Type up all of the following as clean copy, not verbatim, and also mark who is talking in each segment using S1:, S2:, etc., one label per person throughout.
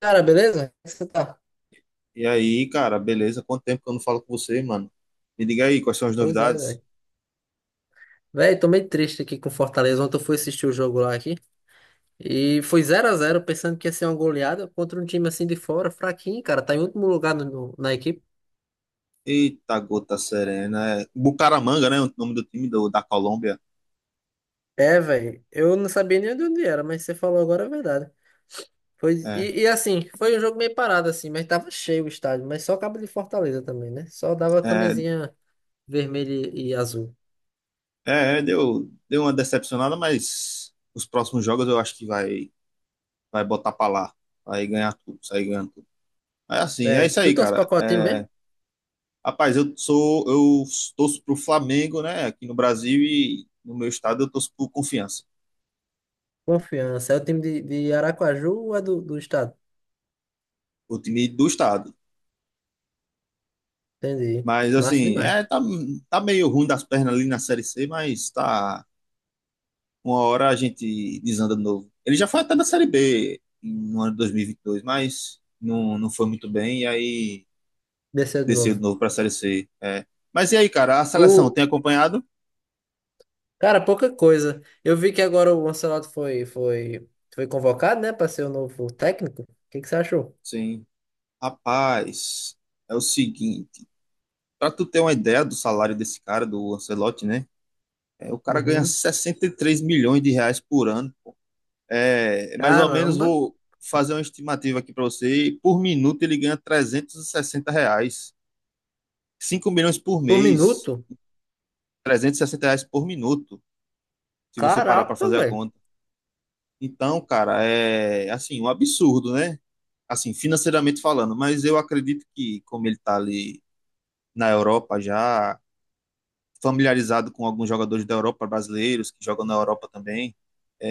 S1: Cara, beleza? Como é que você tá?
S2: E aí, cara, beleza? Quanto tempo que eu não falo com você, mano? Me diga aí, quais são as
S1: Pois é,
S2: novidades?
S1: velho. Velho, tô meio triste aqui com o Fortaleza. Ontem eu fui assistir o jogo lá aqui. E foi 0-0, pensando que ia ser uma goleada contra um time assim de fora, fraquinho, cara. Tá em último lugar na equipe.
S2: Eita, gota serena. É, Bucaramanga, né? O nome do da Colômbia.
S1: É, velho. Eu não sabia nem de onde era, mas você falou agora a verdade. Foi,
S2: É,
S1: e assim, foi um jogo meio parado, assim, mas tava cheio o estádio. Mas só cabo de Fortaleza também, né? Só dava
S2: é,
S1: camisinha vermelha e azul.
S2: é, é, deu uma decepcionada, mas os próximos jogos eu acho que vai botar pra lá. Vai ganhar tudo, sair ganhando tudo. É assim, é
S1: É.
S2: isso
S1: Tu
S2: aí,
S1: torce pra
S2: cara.
S1: qual time mesmo?
S2: É, rapaz, eu torço pro Flamengo, né? Aqui no Brasil e no meu estado eu torço pro Confiança.
S1: Confiança. É o time de Aracaju ou é do estado?
S2: O time do estado.
S1: Entendi.
S2: Mas
S1: Massa
S2: assim,
S1: demais.
S2: tá, tá meio ruim das pernas ali na Série C, mas tá. Uma hora a gente desanda de novo. Ele já foi até da Série B no ano de 2022, mas não foi muito bem, e aí
S1: Desceu de
S2: desceu de
S1: novo.
S2: novo pra Série C. É. Mas e aí, cara, a seleção
S1: O...
S2: tem acompanhado?
S1: Cara, pouca coisa. Eu vi que agora o Ancelotti foi convocado, né, para ser o novo técnico. O que que você achou?
S2: Sim. Rapaz, é o seguinte. Pra tu ter uma ideia do salário desse cara, do Ancelotti, né? É, o cara ganha
S1: Uhum.
S2: 63 milhões de reais por ano. É, mais ou menos
S1: Caramba.
S2: vou fazer uma estimativa aqui para você. Por minuto ele ganha 360 reais. Cinco milhões por
S1: Por
S2: mês,
S1: minuto?
S2: 360 reais por minuto, se você parar para
S1: Caraca,
S2: fazer a
S1: velho.
S2: conta. Então, cara, é assim, um absurdo, né? Assim, financeiramente falando, mas eu acredito que, como ele tá ali na Europa já, familiarizado com alguns jogadores da Europa, brasileiros que jogam na Europa também,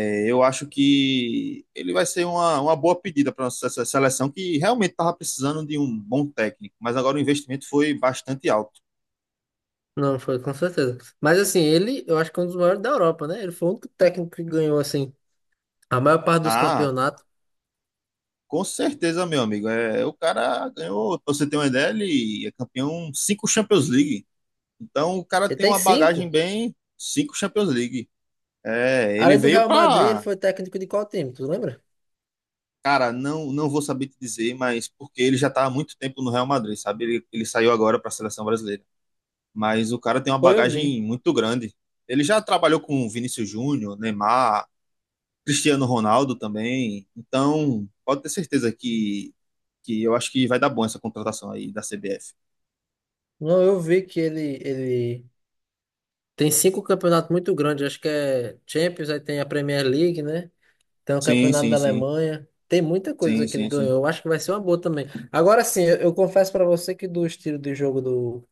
S2: eu acho que ele vai ser uma boa pedida para a nossa seleção, que realmente estava precisando de um bom técnico, mas agora o investimento foi bastante alto.
S1: Não, foi com certeza. Mas assim, ele, eu acho que é um dos maiores da Europa, né? Ele foi o único técnico que ganhou, assim, a maior parte dos
S2: Ah,
S1: campeonatos.
S2: com certeza, meu amigo. É, o cara ganhou, pra você ter uma ideia, ele é campeão cinco Champions League. Então o cara
S1: Ele
S2: tem
S1: tem
S2: uma bagagem
S1: cinco.
S2: bem cinco Champions League. É, ele
S1: Além do
S2: veio
S1: Real Madrid, ele
S2: para,
S1: foi técnico de qual time? Tu lembra?
S2: cara, não vou saber te dizer, mas porque ele já está há muito tempo no Real Madrid, sabe? Ele saiu agora para a seleção brasileira. Mas o cara tem uma
S1: Foi, eu vi.
S2: bagagem muito grande. Ele já trabalhou com Vinícius Júnior, Neymar, Cristiano Ronaldo também. Então, pode ter certeza que eu acho que vai dar bom essa contratação aí da CBF.
S1: Não, eu vi que ele tem cinco campeonatos muito grandes, acho que é Champions, aí tem a Premier League, né? Tem o
S2: Sim,
S1: Campeonato
S2: sim,
S1: da
S2: sim.
S1: Alemanha. Tem muita coisa
S2: Sim,
S1: que ele
S2: sim, sim.
S1: ganhou. Eu acho que vai ser uma boa também. Agora sim, eu confesso pra você que do estilo de jogo do,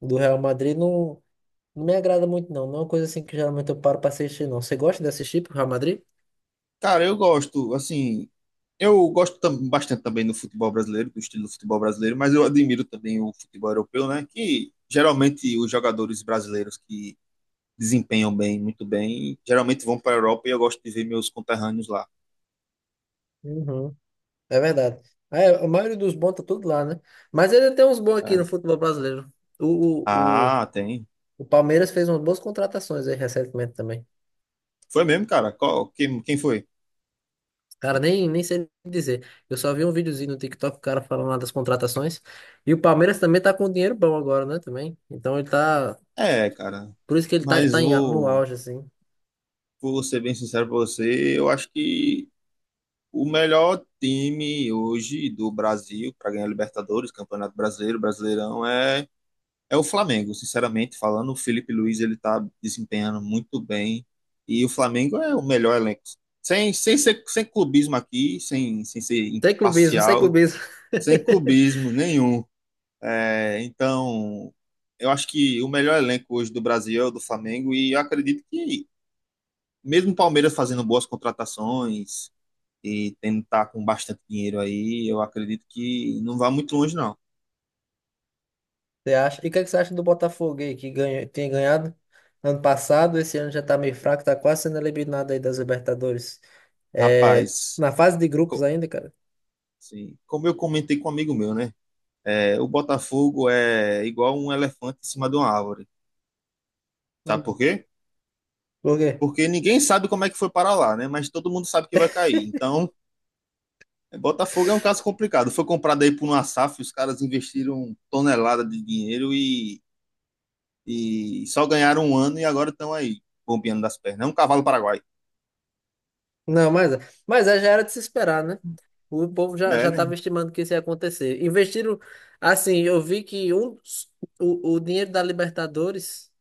S1: do Real Madrid não, não me agrada muito, não. Não é uma coisa assim que geralmente eu paro pra assistir, não. Você gosta de assistir pro Real Madrid?
S2: Cara, eu gosto, assim, eu gosto bastante também do futebol brasileiro, do estilo do futebol brasileiro, mas eu admiro também o futebol europeu, né? Que geralmente os jogadores brasileiros que desempenham bem, muito bem, geralmente vão para a Europa e eu gosto de ver meus conterrâneos lá.
S1: Uhum. É verdade. Ah, é, a maioria dos bons tá tudo lá, né? Mas ele tem uns bons aqui
S2: É.
S1: no futebol brasileiro. O, o, o,
S2: Ah, tem.
S1: o Palmeiras fez umas boas contratações aí recentemente também.
S2: Foi mesmo, cara? Quem, quem foi?
S1: Cara, nem sei dizer. Eu só vi um videozinho no TikTok, o cara falando lá das contratações. E o Palmeiras também tá com um dinheiro bom agora, né? Também. Então ele tá.
S2: É, cara.
S1: Por isso que ele tá,
S2: Mas
S1: tá em no auge, assim.
S2: vou ser bem sincero pra você, eu acho que o melhor time hoje do Brasil para ganhar Libertadores, Campeonato Brasileiro, Brasileirão é o Flamengo. Sinceramente falando, o Felipe Luiz ele tá desempenhando muito bem e o Flamengo é o melhor elenco. Sem clubismo aqui, sem ser
S1: Sem clubismo, sem
S2: imparcial,
S1: clubismo.
S2: sem clubismo nenhum. É, então, eu acho que o melhor elenco hoje do Brasil é o do Flamengo e eu acredito que mesmo o Palmeiras fazendo boas contratações e tendo tá com bastante dinheiro aí, eu acredito que não vai muito longe não.
S1: Você acha? E o que, é que você acha do Botafogo aí, que ganha, tem ganhado ano passado, esse ano já tá meio fraco, tá quase sendo eliminado aí das Libertadores. É,
S2: Rapaz,
S1: na fase de grupos
S2: co-
S1: ainda, cara.
S2: assim, como eu comentei com um amigo meu, né? É, o Botafogo é igual um elefante em cima de uma árvore. Sabe
S1: Hum.
S2: por quê?
S1: Por quê?
S2: Porque ninguém sabe como é que foi parar lá, né? Mas todo mundo sabe que vai cair. Então, Botafogo é um caso complicado. Foi comprado aí por uma SAF, os caras investiram tonelada de dinheiro e só ganharam um ano e agora estão aí, bombeando das pernas. É um cavalo paraguai.
S1: Não, mas, mas é, já era de se esperar, né? O povo já,
S2: É,
S1: já
S2: né?
S1: estava estimando que isso ia acontecer. Investiram, assim, eu vi que o dinheiro da Libertadores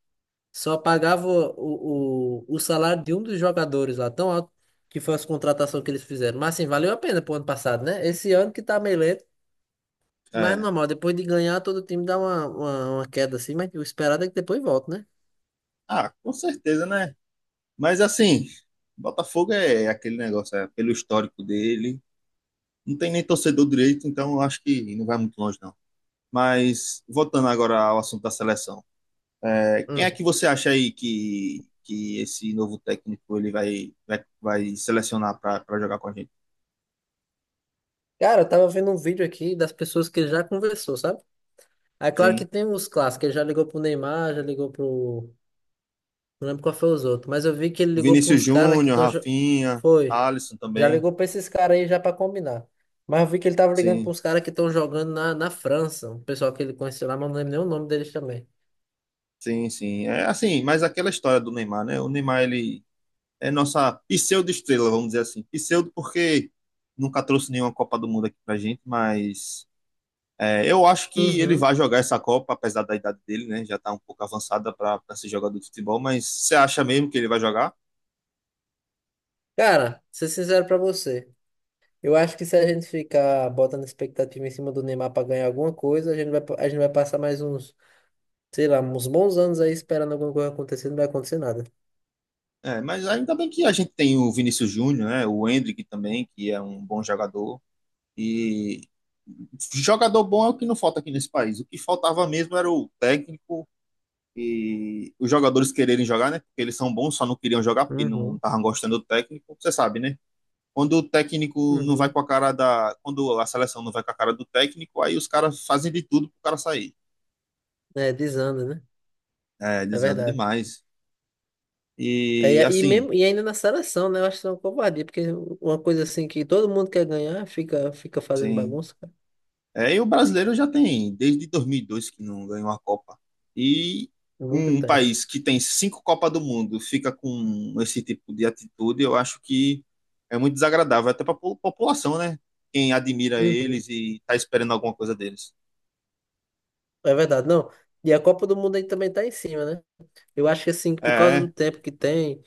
S1: só pagava o salário de um dos jogadores lá, tão alto que foi as contratações que eles fizeram. Mas, assim, valeu a pena pro ano passado, né? Esse ano que tá meio lento. Mas é
S2: É.
S1: normal, depois de ganhar, todo time dá uma queda assim, mas o esperado é que depois volta, né?
S2: Ah, com certeza, né? Mas assim, Botafogo é aquele negócio, é pelo histórico dele. Não tem nem torcedor direito, então eu acho que não vai muito longe, não. Mas voltando agora ao assunto da seleção. É, quem é
S1: Hum.
S2: que você acha aí que esse novo técnico ele vai selecionar para jogar com a gente?
S1: Cara, eu tava vendo um vídeo aqui das pessoas que ele já conversou, sabe? Aí, claro que
S2: Sim.
S1: tem os clássicos, ele já ligou pro Neymar, já ligou pro, não lembro qual foi os outros, mas eu vi que ele
S2: O
S1: ligou pra
S2: Vinícius
S1: uns caras que
S2: Júnior,
S1: estão.
S2: Rafinha,
S1: Foi.
S2: Alisson
S1: Já
S2: também.
S1: ligou pra esses caras aí já pra combinar. Mas eu vi que ele tava ligando pra
S2: Sim,
S1: uns caras que estão jogando na França. Um pessoal que ele conheceu lá, mas não lembro nem o nome deles também.
S2: sim, sim. É assim, mas aquela história do Neymar, né? O Neymar, ele é nossa pseudo-estrela, vamos dizer assim. Pseudo porque nunca trouxe nenhuma Copa do Mundo aqui pra gente, mas é, eu acho que ele
S1: Uhum.
S2: vai jogar essa Copa, apesar da idade dele, né? Já tá um pouco avançada para ser jogador de futebol, mas você acha mesmo que ele vai jogar?
S1: Cara, ser sincero pra você. Eu acho que se a gente ficar botando expectativa em cima do Neymar pra ganhar alguma coisa, a gente vai passar mais uns, sei lá, uns bons anos aí esperando alguma coisa acontecer, não vai acontecer nada.
S2: É, mas ainda bem que a gente tem o Vinícius Júnior, né? O Endrick também, que é um bom jogador. E jogador bom é o que não falta aqui nesse país. O que faltava mesmo era o técnico e os jogadores quererem jogar, né? Porque eles são bons, só não queriam jogar porque não
S1: Uhum.
S2: estavam gostando do técnico. Você sabe, né? Quando o técnico não vai
S1: Uhum.
S2: com a cara da. Quando a seleção não vai com a cara do técnico, aí os caras fazem de tudo pro cara sair.
S1: É, desanda, né?
S2: É,
S1: É
S2: desanda
S1: verdade.
S2: demais.
S1: É, e,
S2: E
S1: aí
S2: assim,
S1: mesmo, e ainda na seleção, né? Eu acho que é uma covardia, porque uma coisa assim que todo mundo quer ganhar fica fazendo
S2: sim,
S1: bagunça, cara,
S2: é, e o brasileiro já tem, desde 2002 que não ganhou uma Copa. E
S1: por muito
S2: um um
S1: tempo.
S2: país que tem cinco Copas do Mundo fica com esse tipo de atitude, eu acho que é muito desagradável, até para a população, né? Quem admira
S1: Uhum.
S2: eles e tá esperando alguma coisa deles.
S1: É verdade, não. E a Copa do Mundo aí também tá em cima, né? Eu acho que assim, que
S2: É,
S1: por causa do
S2: é,
S1: tempo que tem,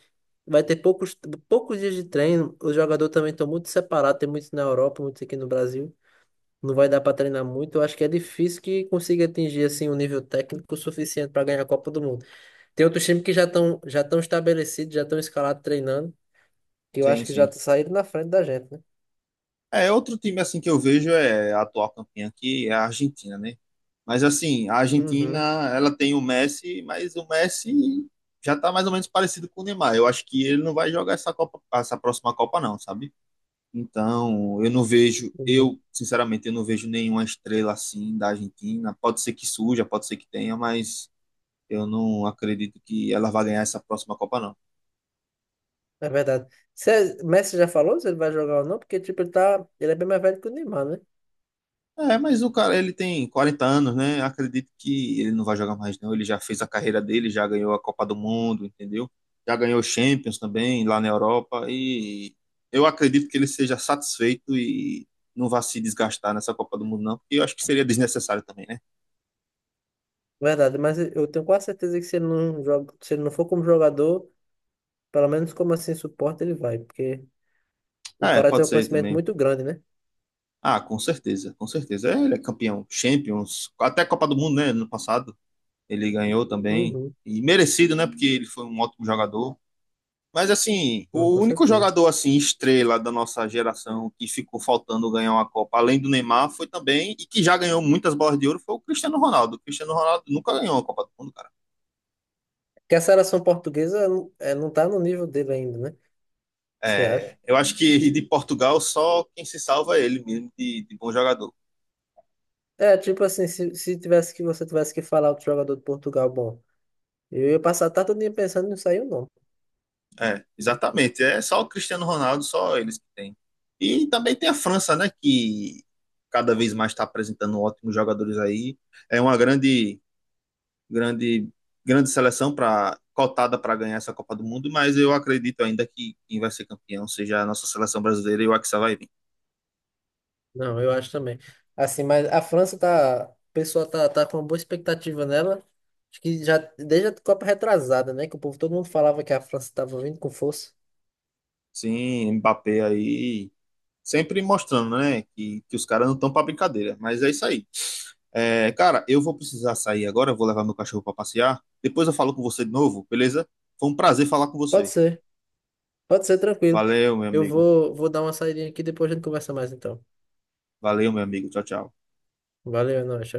S1: vai ter poucos dias de treino. Os jogadores também estão muito separados, tem muitos na Europa, muitos aqui no Brasil. Não vai dar para treinar muito. Eu acho que é difícil que consiga atingir assim um nível técnico suficiente para ganhar a Copa do Mundo. Tem outros times que já estão estabelecidos, já estão escalados treinando, que eu
S2: sim,
S1: acho que já
S2: sim.
S1: tá saindo na frente da gente, né?
S2: É, outro time assim que eu vejo é a atual campeã que é a Argentina, né? Mas assim, a Argentina,
S1: Uhum,
S2: ela tem o Messi, mas o Messi já tá mais ou menos parecido com o Neymar. Eu acho que ele não vai jogar essa Copa, essa próxima Copa não, sabe? Então, eu não vejo,
S1: uhum.
S2: eu, sinceramente, eu não vejo nenhuma estrela assim da Argentina. Pode ser que surja, pode ser que tenha, mas eu não acredito que ela vá ganhar essa próxima Copa não.
S1: É verdade. Se Messi já falou se ele vai jogar ou não, porque tipo, ele é bem mais velho que o Neymar, né?
S2: É, mas o cara, ele tem 40 anos, né? Acredito que ele não vai jogar mais, não. Ele já fez a carreira dele, já ganhou a Copa do Mundo, entendeu? Já ganhou Champions também lá na Europa. E eu acredito que ele seja satisfeito e não vá se desgastar nessa Copa do Mundo, não, porque eu acho que seria desnecessário também, né?
S1: Verdade, mas eu tenho quase certeza que se ele não joga, se ele não for como jogador, pelo menos como assim suporte ele vai, porque o
S2: É,
S1: cara tem
S2: pode
S1: um
S2: ser
S1: conhecimento
S2: também.
S1: muito grande, né?
S2: Ah, com certeza, com certeza. É, ele é campeão. Champions, até Copa do Mundo, né? No passado, ele ganhou também.
S1: Uhum.
S2: E merecido, né? Porque ele foi um ótimo jogador. Mas assim,
S1: Não, com
S2: o único
S1: certeza.
S2: jogador assim estrela da nossa geração que ficou faltando ganhar uma Copa, além do Neymar, foi também e que já ganhou muitas bolas de ouro foi o Cristiano Ronaldo. O Cristiano Ronaldo nunca ganhou uma Copa do Mundo, cara.
S1: Porque a seleção portuguesa é, não tá no nível dele ainda, né? Você acha?
S2: É, eu acho que de Portugal só quem se salva é ele mesmo de bom jogador.
S1: É, tipo assim, se tivesse que você tivesse que falar outro jogador de Portugal, bom, eu ia passar a tarde todinha pensando e não saiu, não.
S2: É, exatamente. É só o Cristiano Ronaldo, só eles que têm. E também tem a França, né, que cada vez mais está apresentando ótimos jogadores aí. É uma grande, grande seleção para cotada para ganhar essa Copa do Mundo, mas eu acredito ainda que quem vai ser campeão seja a nossa seleção brasileira e o Hexa vai vir.
S1: Não, eu acho também. Assim, mas a França tá. O pessoal tá com uma boa expectativa nela. Acho que já desde a Copa retrasada, né? Que o povo, todo mundo falava que a França tava vindo com força.
S2: Sim, Mbappé aí sempre mostrando, né, que os caras não estão para brincadeira, mas é isso aí. É, cara, eu vou precisar sair agora, vou levar meu cachorro para passear. Depois eu falo com você de novo, beleza? Foi um prazer falar com
S1: Pode
S2: você.
S1: ser, pode ser tranquilo.
S2: Valeu, meu
S1: Eu
S2: amigo.
S1: vou, vou dar uma saída aqui, depois a gente conversa mais então.
S2: Valeu, meu amigo. Tchau, tchau.
S1: Valeu, é nóis.